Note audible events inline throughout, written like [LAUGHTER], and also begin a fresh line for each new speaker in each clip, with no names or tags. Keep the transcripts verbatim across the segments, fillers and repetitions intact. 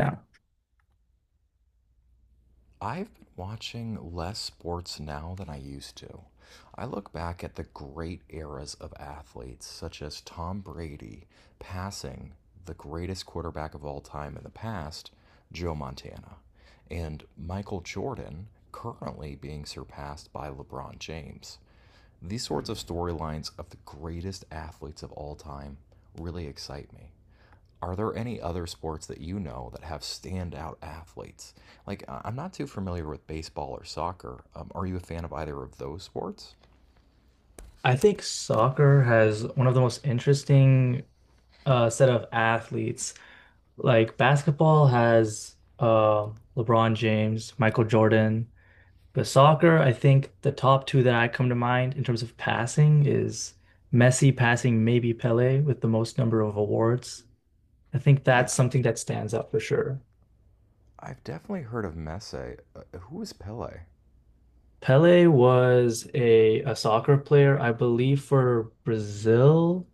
Yeah.
I've been watching less sports now than I used to. I look back at the great eras of athletes, such as Tom Brady passing the greatest quarterback of all time in the past, Joe Montana, and Michael Jordan currently being surpassed by LeBron James. These sorts of storylines of the greatest athletes of all time really excite me. Are there any other sports that you know that have standout athletes? Like, I- I'm not too familiar with baseball or soccer. Um, are you a fan of either of those sports?
I think soccer has one of the most interesting uh, set of athletes. Like basketball has uh, LeBron James, Michael Jordan. But soccer, I think the top two that I come to mind in terms of passing is Messi passing maybe Pele with the most number of awards. I think
Yeah,
that's something that stands out for sure.
I've definitely heard of Messi. Uh, who is Pele?
Pele was a, a soccer player, I believe, for Brazil.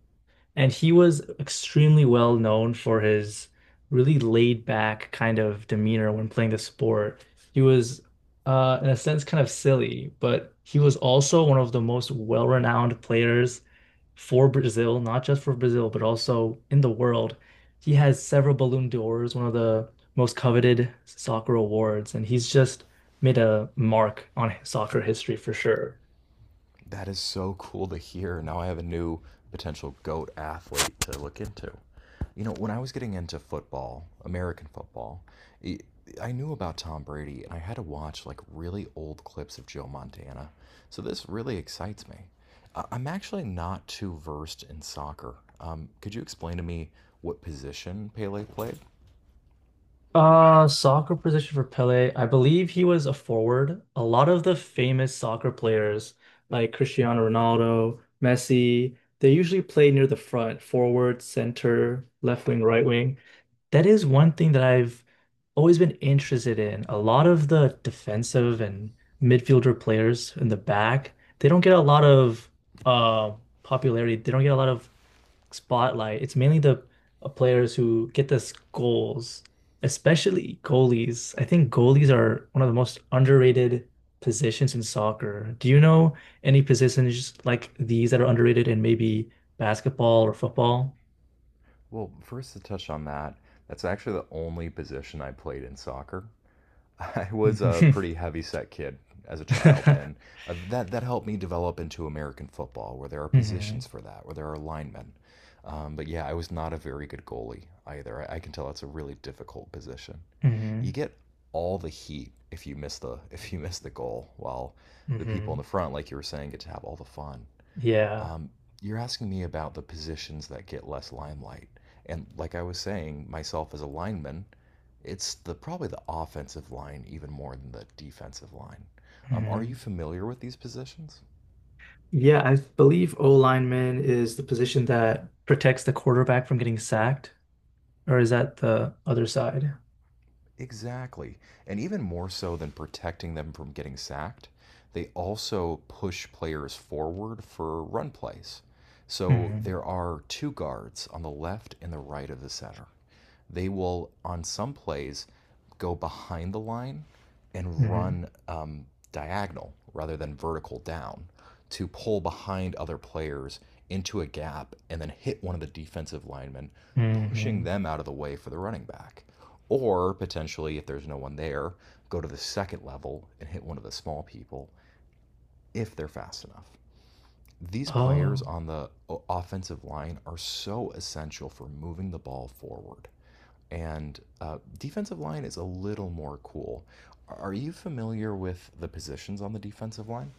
And he was extremely well known for his really laid back kind of demeanor when playing the sport. He was, uh, in a sense, kind of silly, but he was also one of the most well-renowned players for Brazil, not just for Brazil, but also in the world. He has several Ballon d'Ors, one of the most coveted soccer awards, and he's just made a mark on soccer history for sure.
That is so cool to hear. Now I have a new potential GOAT athlete to look into. You know, when I was getting into football, American football, i I knew about Tom Brady and I had to watch like really old clips of Joe Montana. So this really excites me. I- I'm actually not too versed in soccer. Um, could you explain to me what position Pele played?
Uh, soccer position for Pele. I believe he was a forward. A lot of the famous soccer players, like Cristiano Ronaldo, Messi, they usually play near the front, forward, center, left wing, right wing. That is one thing that I've always been interested in. A lot of the defensive and midfielder players in the back, they don't get a lot of uh popularity. They don't get a lot of spotlight. It's mainly the uh, players who get us goals, especially goalies. I think goalies are one of the most underrated positions in soccer. Do you know any positions like these that are underrated in maybe basketball or football?
Well, first to touch on that, that's actually the only position I played in soccer. I was a
Mhm.
pretty heavy set kid as a child, and
[LAUGHS]
uh, that that helped me develop into American football, where there are
Mhm.
positions for that, where there are linemen. Um, but yeah, I was not a very good goalie either. I, I can tell it's a really difficult position. You
Mhm.
get all the heat if you miss the [LAUGHS] if you miss the goal, while the people in
Mhm.
the front, like you were saying, get to have all the fun.
[LAUGHS] Yeah.
Um, you're asking me about the positions that get less limelight. And like I was saying, myself as a lineman, it's the probably the offensive line even more than the defensive line. Um, are you
Mhm.
familiar with these positions?
Yeah, I believe O lineman is the position that protects the quarterback from getting sacked, or is that the other side?
Exactly. And even more so than protecting them from getting sacked, they also push players forward for run plays. So
Mhm.
there are two guards on the left and the right of the center. They will on some plays go behind the line and
Mhm.
run um, diagonal rather than vertical down to pull behind other players into a gap and then hit one of the defensive linemen, pushing
Hmm.
them out of the way for the running back. Or potentially, if there's no one there, go to the second level and hit one of the small people if they're fast enough. These players
Oh,
on the offensive line are so essential for moving the ball forward. And uh, defensive line is a little more cool. Are you familiar with the positions on the defensive line?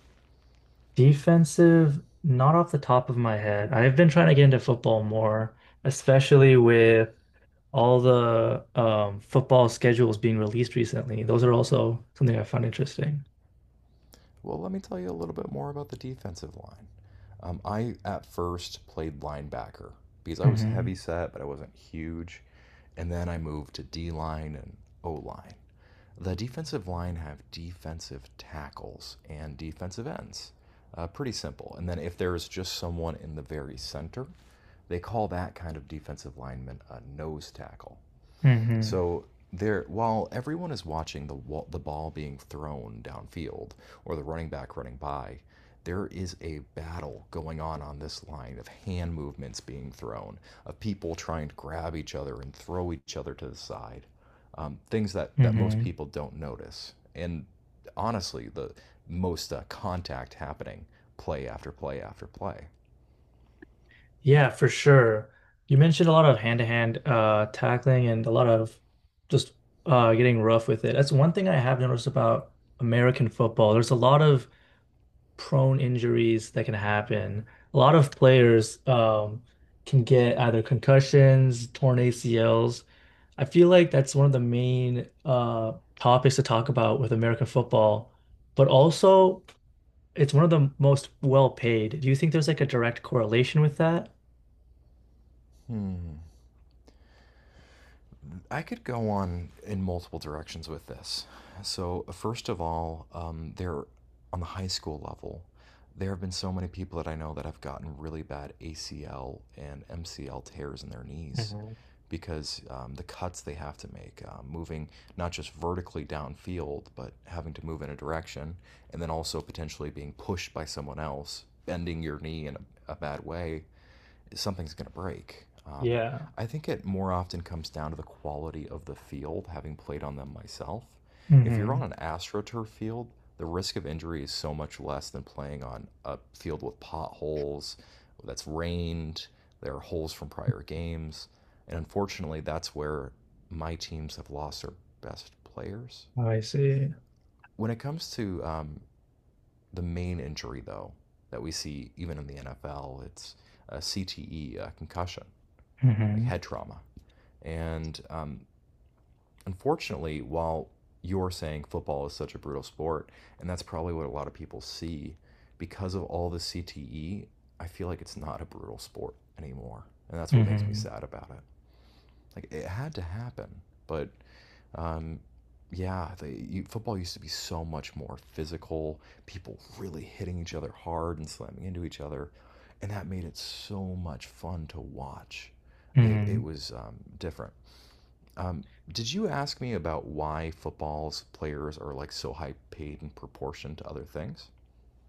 defensive, not off the top of my head. I've been trying to get into football more, especially with all the um, football schedules being released recently. Those are also something I found interesting.
Well, let me tell you a little bit more about the defensive line. Um, I at first played linebacker because I was heavy
Hmm.
set, but I wasn't huge. And then I moved to D line and O line. The defensive line have defensive tackles and defensive ends. Uh, pretty simple. And then if there is just someone in the very center, they call that kind of defensive lineman a nose tackle.
Hmm.
So there, while everyone is watching the wall, the ball being thrown downfield or the running back running by, there is a battle going on on this line of hand movements being thrown, of people trying to grab each other and throw each other to the side, um, things that that most
Hmm.
people don't notice. And honestly, the most uh, contact happening play after play after play.
Yeah, for sure. You mentioned a lot of hand-to-hand uh, tackling and a lot of just uh, getting rough with it. That's one thing I have noticed about American football. There's a lot of prone injuries that can happen. A lot of players um, can get either concussions, torn A C Ls. I feel like that's one of the main uh, topics to talk about with American football, but also it's one of the most well paid. Do you think there's like a direct correlation with that?
Um, I could go on in multiple directions with this. So, first of all, um, there on the high school level, there have been so many people that I know that have gotten really bad A C L and M C L tears in their knees
Mhm.
because um, the cuts they have to make, um, moving not just vertically downfield, but having to move in a direction, and then also potentially being pushed by someone else, bending your knee in a, a bad way, something's going to break. Um,
Yeah.
I think it more often comes down to the quality of the field, having played on them myself. If you're
Hmm.
on an AstroTurf field, the risk of injury is so much less than playing on a field with potholes that's rained, there are holes from prior games. And unfortunately, that's where my teams have lost their best players.
Oh, I see.
When it comes to um, the main injury, though, that we see even in the N F L, it's a C T E, a concussion like
Hmm.
head trauma. And um, unfortunately, while you're saying football is such a brutal sport, and that's probably what a lot of people see, because of all the C T E, I feel like it's not a brutal sport anymore. And that's what makes me
Hmm.
sad about it. Like, it had to happen, but um, yeah, the, you, football used to be so much more physical. People really hitting each other hard and slamming into each other, and that made it so much fun to watch. It, it
Hmm.
was um, different. Um, did you ask me about why football's players are like so high paid in proportion to other things?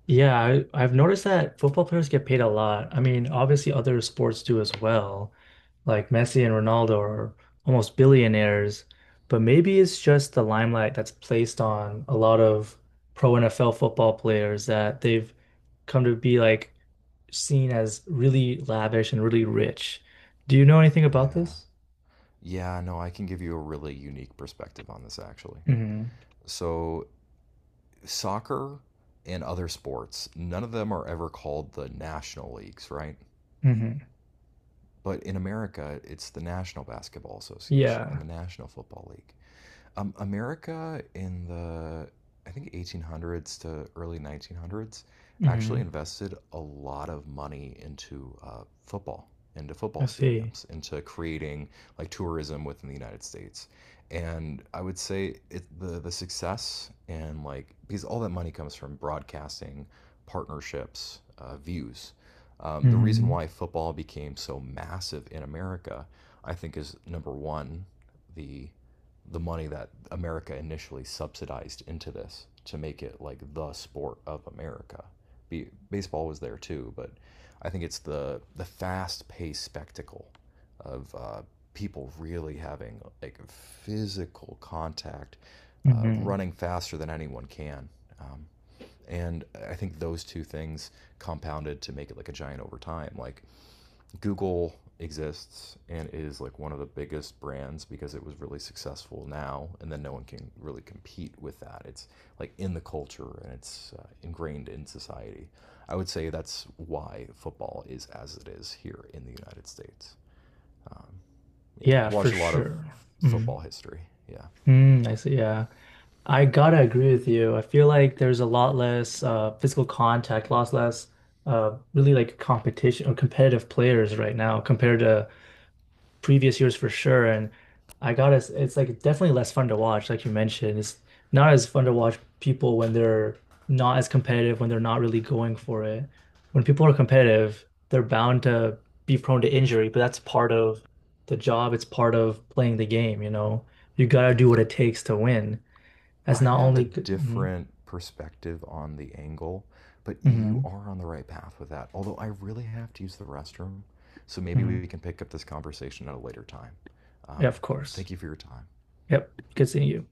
Yeah, I, I've noticed that football players get paid a lot. I mean, obviously other sports do as well. Like Messi and Ronaldo are almost billionaires, but maybe it's just the limelight that's placed on a lot of pro N F L football players that they've come to be like seen as really lavish and really rich. Do you know anything about
Yeah.
this?
Yeah, no, I can give you a really unique perspective on this actually.
Hmm.
So, soccer and other sports, none of them are ever called the national leagues, right?
Hmm.
But in America, it's the National Basketball Association and
Yeah.
the National Football League. Um, America in the, I think, eighteen hundreds to early nineteen hundreds actually
Hmm.
invested a lot of money into uh, football, into
I
football
see.
stadiums, into creating like tourism within the United States. And I would say it, the the success and like because all that money comes from broadcasting partnerships, uh, views. Um, the reason
Hmm.
why football became so massive in America, I think, is number one, the the money that America initially subsidized into this to make it like the sport of America. Be, baseball was there too, but I think it's the the fast paced spectacle of uh, people really having like physical contact, uh,
Hmm.
running faster than anyone can. Um, and I think those two things compounded to make it like a giant over time. Like Google exists and is like one of the biggest brands because it was really successful now, and then no one can really compete with that. It's like in the culture and it's uh, ingrained in society. I would say that's why football is as it is here in the United States. Yeah,
Yeah,
I've
for
watched a lot of
sure.
f-
Mm.
football history. Yeah.
Mm, I see. Yeah. I gotta agree with you. I feel like there's a lot less uh, physical contact, a less uh, really like competition or competitive players right now compared to previous years for sure. And I gotta, s- it's like definitely less fun to watch, like you mentioned. It's not as fun to watch people when they're not as competitive, when they're not really going for it. When people are competitive, they're bound to be prone to injury, but that's part of the job. It's part of playing the game, you know. You gotta do what it takes to win. As
I
not
have a
only good. Mm-hmm,
different perspective on the angle, but
mm-hmm,
you are on the right path with that. Although I really have to use the restroom, so maybe
mm-hmm.
we can pick up this conversation at a later time.
Yeah,
Um,
of course.
Thank you for your time.
Yep. Good seeing you.